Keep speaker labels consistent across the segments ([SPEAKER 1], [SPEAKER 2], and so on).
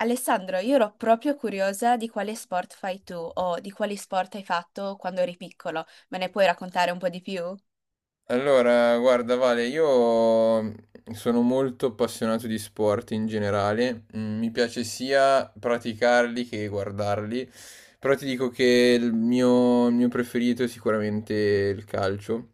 [SPEAKER 1] Alessandro, io ero proprio curiosa di quale sport fai tu o di quali sport hai fatto quando eri piccolo. Me ne puoi raccontare un po' di più?
[SPEAKER 2] Allora, guarda Vale, io sono molto appassionato di sport in generale, Mm, mi piace sia praticarli che guardarli, però ti dico che il mio preferito è sicuramente il calcio.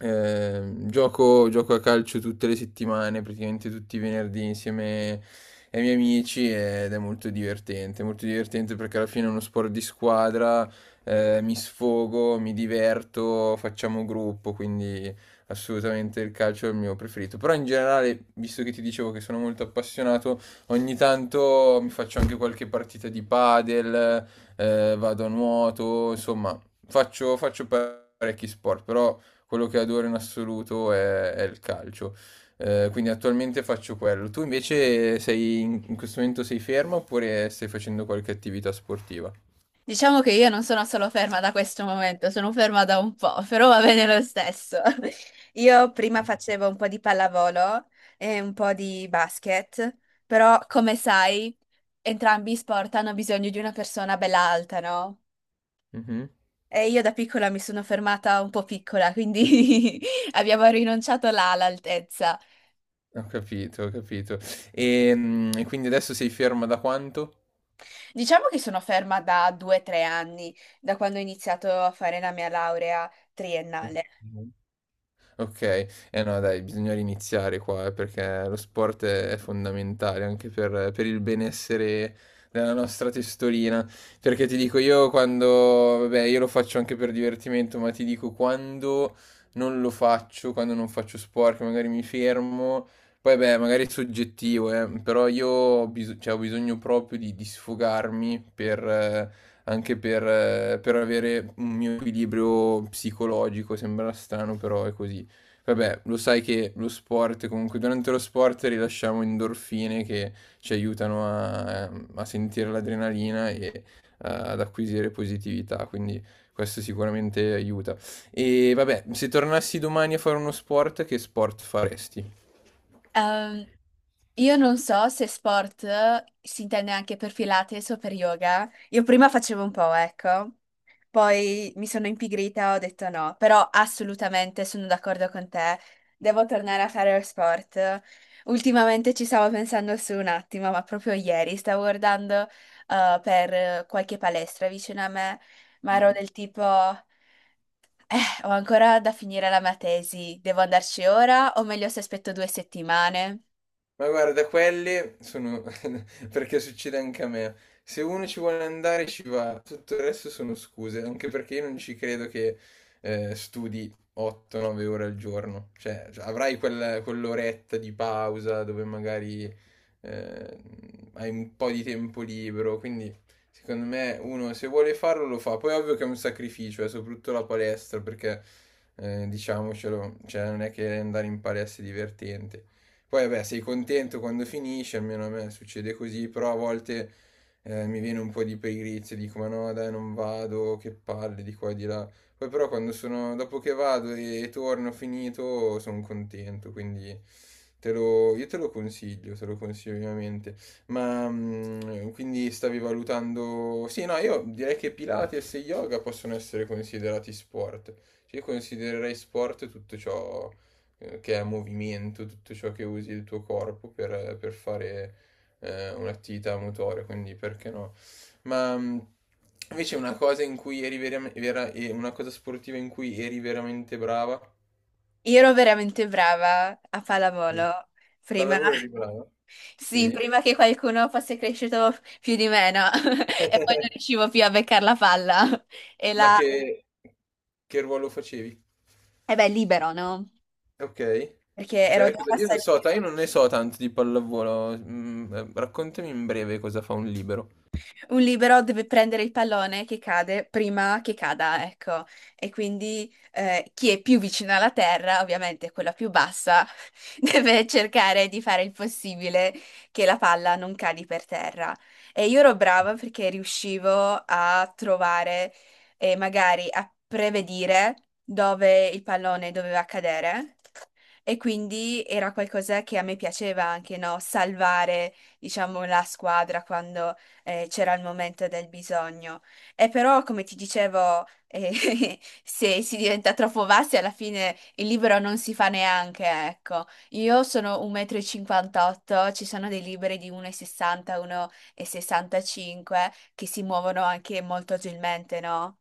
[SPEAKER 2] Gioco a calcio tutte le settimane, praticamente tutti i venerdì insieme ai miei amici ed è molto divertente perché alla fine è uno sport di squadra, mi sfogo, mi diverto, facciamo gruppo, quindi assolutamente il calcio è il mio preferito. Però in generale, visto che ti dicevo che sono molto appassionato, ogni tanto mi faccio anche qualche partita di padel, vado a nuoto, insomma, faccio parecchi sport, però quello che adoro in assoluto è il calcio. Quindi attualmente faccio quello. Tu invece sei in in questo momento sei fermo oppure stai facendo qualche attività sportiva?
[SPEAKER 1] Diciamo che io non sono solo ferma da questo momento, sono ferma da un po', però va bene lo stesso. Io prima
[SPEAKER 2] Mm.
[SPEAKER 1] facevo un po' di pallavolo e un po' di basket, però come sai, entrambi i sport hanno bisogno di una persona bella alta, no?
[SPEAKER 2] Mhm.
[SPEAKER 1] E io da piccola mi sono fermata un po' piccola, quindi abbiamo rinunciato là all'altezza.
[SPEAKER 2] Ho capito, ho capito. E quindi adesso sei ferma da quanto?
[SPEAKER 1] Diciamo che sono ferma da due o tre anni, da quando ho iniziato a fare la mia laurea triennale.
[SPEAKER 2] Okay. Eh no dai, bisogna riniziare qua, perché lo sport è fondamentale anche per il benessere della nostra testolina. Perché ti dico io quando vabbè, io lo faccio anche per divertimento, ma ti dico quando non lo faccio, quando non faccio sport, che magari mi fermo, poi beh, magari è soggettivo, però io ho bisogno proprio di sfogarmi per, anche per, per avere un mio equilibrio psicologico. Sembra strano, però è così. Vabbè, lo sai che lo sport, comunque durante lo sport rilasciamo endorfine che ci aiutano a sentire l'adrenalina e, ad acquisire positività, quindi questo sicuramente aiuta. E vabbè, se tornassi domani a fare uno sport, che sport faresti?
[SPEAKER 1] Ehm, io non so se sport si intende anche per Pilates o per yoga. Io prima facevo un po', ecco, poi mi sono impigrita, ho detto no, però assolutamente sono d'accordo con te, devo tornare a fare lo sport. Ultimamente ci stavo pensando su un attimo, ma proprio ieri stavo guardando per qualche palestra vicino a me, ma ero
[SPEAKER 2] Mhm.
[SPEAKER 1] del tipo... Ho ancora da finire la mia tesi. Devo andarci ora o meglio se aspetto due settimane?
[SPEAKER 2] Ma guarda, quelle sono perché succede anche a me. Se uno ci vuole andare ci va, tutto il resto sono scuse, anche perché io non ci credo che, studi 8-9 ore al giorno. Cioè, avrai quell'oretta di pausa dove magari, eh, hai un po' di tempo libero, quindi secondo me uno se vuole farlo lo fa. Poi è ovvio che è un sacrificio, soprattutto la palestra, perché, diciamocelo, cioè non è che andare in palestra è divertente. Poi vabbè, sei contento quando finisce, almeno a me succede così, però a volte, mi viene un po' di pigrizia, dico ma no dai non vado, che palle di qua e di là. Poi però quando sono, dopo che vado e torno finito, sono contento, quindi io te lo consiglio ovviamente. Ma mm, quindi stavi valutando... Sì, no, io direi che Pilates e yoga possono essere considerati sport. Cioè, io considererei sport tutto ciò, che è movimento, tutto ciò che usi il tuo corpo per fare, un'attività motoria, quindi perché no? Ma invece una cosa in cui una cosa sportiva in cui eri veramente brava?
[SPEAKER 1] Io ero veramente brava a
[SPEAKER 2] Mm.
[SPEAKER 1] pallavolo prima.
[SPEAKER 2] Pallavolo eri brava?
[SPEAKER 1] Sì,
[SPEAKER 2] Sì.
[SPEAKER 1] prima che qualcuno fosse cresciuto più di me, no? E poi non riuscivo più a beccare la palla. E
[SPEAKER 2] Ma
[SPEAKER 1] la...
[SPEAKER 2] che ruolo facevi?
[SPEAKER 1] E beh, libero, no?
[SPEAKER 2] Ok.
[SPEAKER 1] Perché ero
[SPEAKER 2] Cioè,
[SPEAKER 1] già
[SPEAKER 2] io non
[SPEAKER 1] passata.
[SPEAKER 2] so, io non ne so tanto di pallavolo. Mm, raccontami in breve cosa fa un libero.
[SPEAKER 1] Un libero deve prendere il pallone che cade prima che cada, ecco. E quindi chi è più vicino alla terra, ovviamente quella più bassa, deve cercare di fare il possibile che la palla non cadi per terra. E io ero brava perché riuscivo a trovare e magari a prevedere dove il pallone doveva cadere. E quindi era qualcosa che a me piaceva anche, no? Salvare, diciamo, la squadra quando c'era il momento del bisogno. E però, come ti dicevo, se si diventa troppo bassi, alla fine il libro non si fa neanche, ecco. Io sono 1,58 m, ci sono dei libri di 1,60 m, 1,65 m che si muovono anche molto agilmente, no?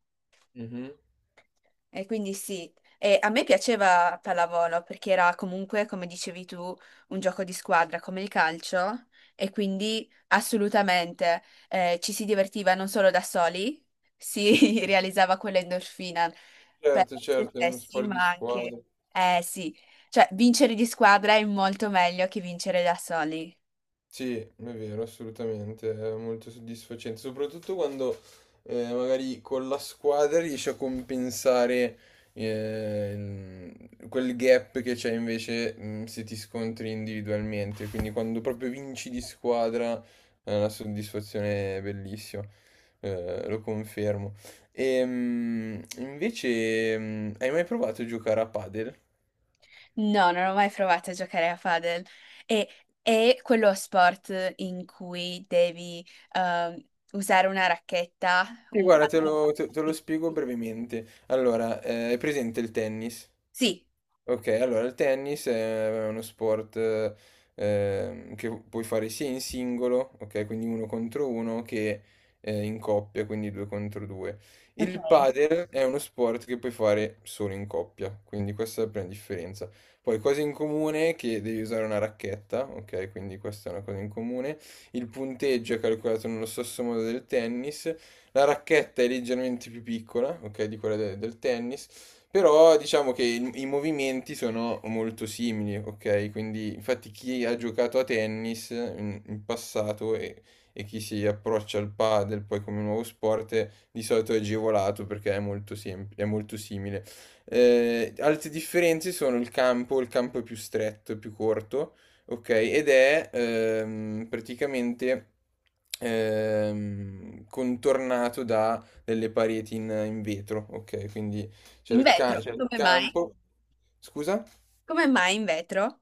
[SPEAKER 1] E quindi sì, e a me piaceva pallavolo perché era comunque, come dicevi tu, un gioco di squadra come il calcio e quindi assolutamente ci si divertiva non solo da soli, si realizzava quell'endorfina per
[SPEAKER 2] Certo,
[SPEAKER 1] se
[SPEAKER 2] certo, è uno
[SPEAKER 1] stessi,
[SPEAKER 2] sport di
[SPEAKER 1] ma anche,
[SPEAKER 2] squadra.
[SPEAKER 1] eh sì, cioè vincere di squadra è molto meglio che vincere da soli.
[SPEAKER 2] Sì, è vero, assolutamente, è molto soddisfacente, soprattutto quando, magari con la squadra riesci a compensare, quel gap che c'è invece mm, se ti scontri individualmente, quindi quando proprio vinci di squadra è una soddisfazione bellissima, lo confermo. E, invece, mm, hai mai provato a giocare a padel?
[SPEAKER 1] No, non ho mai provato a giocare a padel. E è quello sport in cui devi ehm, usare una racchetta,
[SPEAKER 2] Sì,
[SPEAKER 1] un
[SPEAKER 2] guarda,
[SPEAKER 1] pallone.
[SPEAKER 2] te lo
[SPEAKER 1] Sì,
[SPEAKER 2] spiego brevemente. Allora, è presente il tennis?
[SPEAKER 1] sì,
[SPEAKER 2] Ok, allora il tennis è uno sport, che puoi fare sia in singolo, ok, quindi uno contro uno, che, in coppia, quindi due contro due.
[SPEAKER 1] ok.
[SPEAKER 2] Il padel è uno sport che puoi fare solo in coppia, quindi questa è la prima differenza. Poi cose in comune è che devi usare una racchetta, ok, quindi questa è una cosa in comune. Il punteggio è calcolato nello stesso modo del tennis. La racchetta è leggermente più piccola, ok, di del tennis. Però diciamo che i movimenti sono molto simili, ok? Quindi infatti chi ha giocato a tennis in passato e chi si approccia al padel poi come nuovo sport, di solito è agevolato perché è molto, è molto simile. Altre differenze sono il campo è più stretto, è più corto, ok? Ed è contornato da delle pareti in vetro, ok? Quindi
[SPEAKER 1] In vetro,
[SPEAKER 2] c'è il
[SPEAKER 1] come mai?
[SPEAKER 2] campo, scusa,
[SPEAKER 1] Come mai in vetro?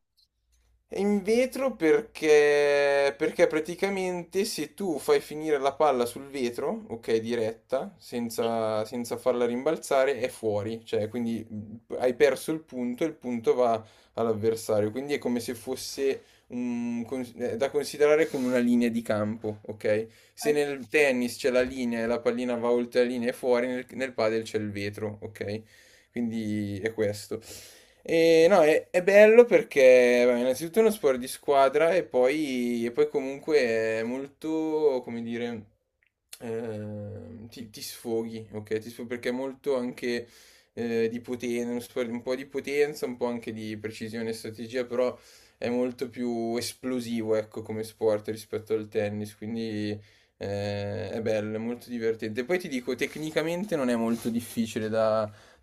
[SPEAKER 2] è in vetro perché, perché praticamente se tu fai finire la palla sul vetro, ok, diretta,
[SPEAKER 1] Sì.
[SPEAKER 2] senza farla rimbalzare, è fuori, cioè quindi hai perso il punto e il punto va all'avversario, quindi è come se fosse è da considerare come una linea di campo, ok? Se nel tennis c'è la linea e la pallina va oltre la linea e fuori, nel padel c'è il vetro, ok? Quindi è questo. E no, è bello perché vabbè, innanzitutto è uno sport di squadra e poi comunque è molto, come dire, ti sfoghi, ok? Ti sfoghi perché è molto anche, di potenza, uno sport un po' di potenza, un po' anche di precisione e strategia, però è molto più esplosivo, ecco, come sport rispetto al tennis, quindi, è bello, è molto divertente. Poi ti dico, tecnicamente non è molto difficile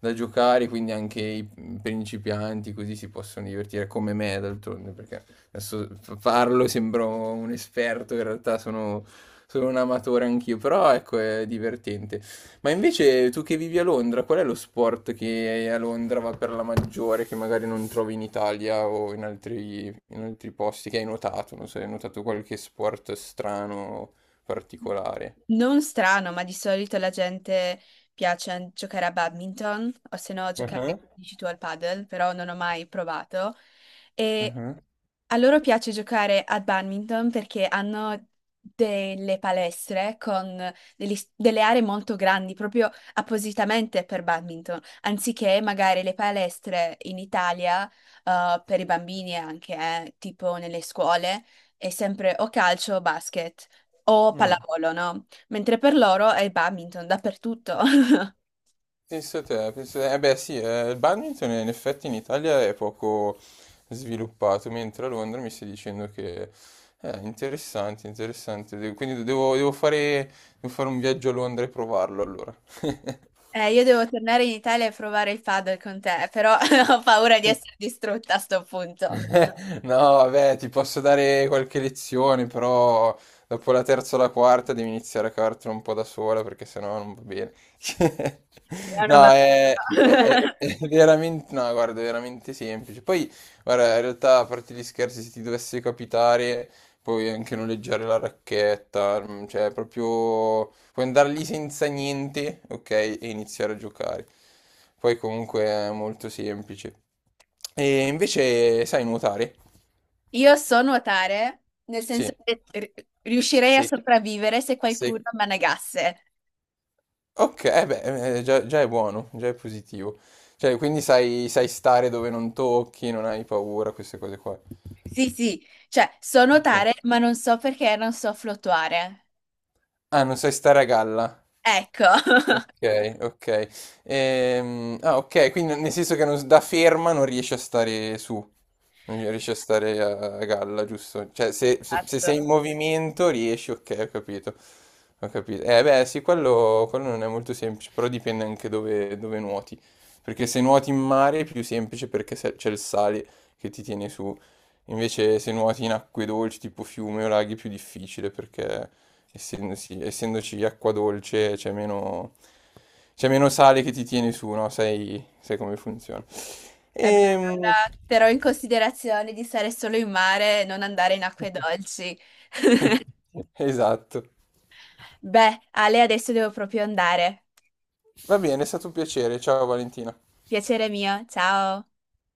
[SPEAKER 2] da giocare, quindi anche i principianti così si possono divertire come me d'altronde, perché adesso parlo, sembro un esperto, in realtà sono un amatore anch'io, però ecco è divertente. Ma invece tu che vivi a Londra, qual è lo sport che a Londra va per la maggiore, che magari non trovi in Italia o in altri posti, che hai notato? Non so, hai notato qualche sport strano, particolare?
[SPEAKER 1] Non strano, ma di solito la gente piace giocare a badminton o se no
[SPEAKER 2] Ah,
[SPEAKER 1] giocare, dici tu, al padel, però non ho mai provato.
[SPEAKER 2] ah,
[SPEAKER 1] E
[SPEAKER 2] ah.
[SPEAKER 1] a loro piace giocare a badminton perché hanno delle palestre con delle aree molto grandi, proprio appositamente per badminton, anziché magari le palestre in Italia, per i bambini anche, tipo nelle scuole, è sempre o calcio o basket o
[SPEAKER 2] Mm.
[SPEAKER 1] pallavolo, no? Mentre per loro è badminton dappertutto.
[SPEAKER 2] Penso te, penso te. Eh beh sì, il badminton in effetti in Italia è poco sviluppato, mentre a Londra mi stai dicendo che è interessante, interessante. Quindi devo fare un viaggio a Londra e provarlo allora.
[SPEAKER 1] Io devo tornare in Italia e provare il padel con te, però ho paura di essere distrutta a sto punto.
[SPEAKER 2] No, vabbè, ti posso dare qualche lezione, però dopo la terza o la quarta devi iniziare a cavartela un po' da sola perché sennò non va bene.
[SPEAKER 1] Sì, ah, no,
[SPEAKER 2] No,
[SPEAKER 1] vabbè.
[SPEAKER 2] è veramente, no, guarda, è veramente semplice. Poi, guarda, in realtà, a parte gli scherzi, se ti dovesse capitare puoi anche noleggiare la racchetta, mm, cioè proprio puoi andare lì senza niente, ok, e iniziare a giocare. Poi comunque è molto semplice. E invece sai nuotare?
[SPEAKER 1] Io so nuotare, nel senso
[SPEAKER 2] Sì,
[SPEAKER 1] che riuscirei a
[SPEAKER 2] sei,
[SPEAKER 1] sopravvivere se
[SPEAKER 2] sei...
[SPEAKER 1] qualcuno mi annagasse.
[SPEAKER 2] Ok, già, già è buono, già è positivo. Cioè, quindi sai, sai stare dove non tocchi, non hai paura, queste cose qua.
[SPEAKER 1] Sì, sì, cioè so nuotare, ma non so perché non so fluttuare.
[SPEAKER 2] Ah, non sai stare a galla.
[SPEAKER 1] Ecco.
[SPEAKER 2] Ok, ok. Ok, quindi nel senso che da ferma non riesci a stare su, non riesci a stare a galla, giusto? Cioè, se
[SPEAKER 1] Esatto.
[SPEAKER 2] sei in movimento riesci, ok, ho capito. Ho capito. Beh, sì, quello non è molto semplice, però dipende anche dove nuoti. Perché se nuoti in mare è più semplice perché c'è il sale che ti tiene su. Invece se nuoti in acque dolci tipo fiume o laghi è più difficile perché essendoci acqua dolce c'è meno sale che ti tiene su, no? Sai, sai come funziona.
[SPEAKER 1] Eh beh,
[SPEAKER 2] Ehm,
[SPEAKER 1] allora terrò in considerazione di stare solo in mare e non andare in acque dolci.
[SPEAKER 2] Esatto.
[SPEAKER 1] Beh, Ale, adesso devo proprio andare.
[SPEAKER 2] Va bene, è stato un piacere. Ciao Valentina.
[SPEAKER 1] Piacere mio, ciao.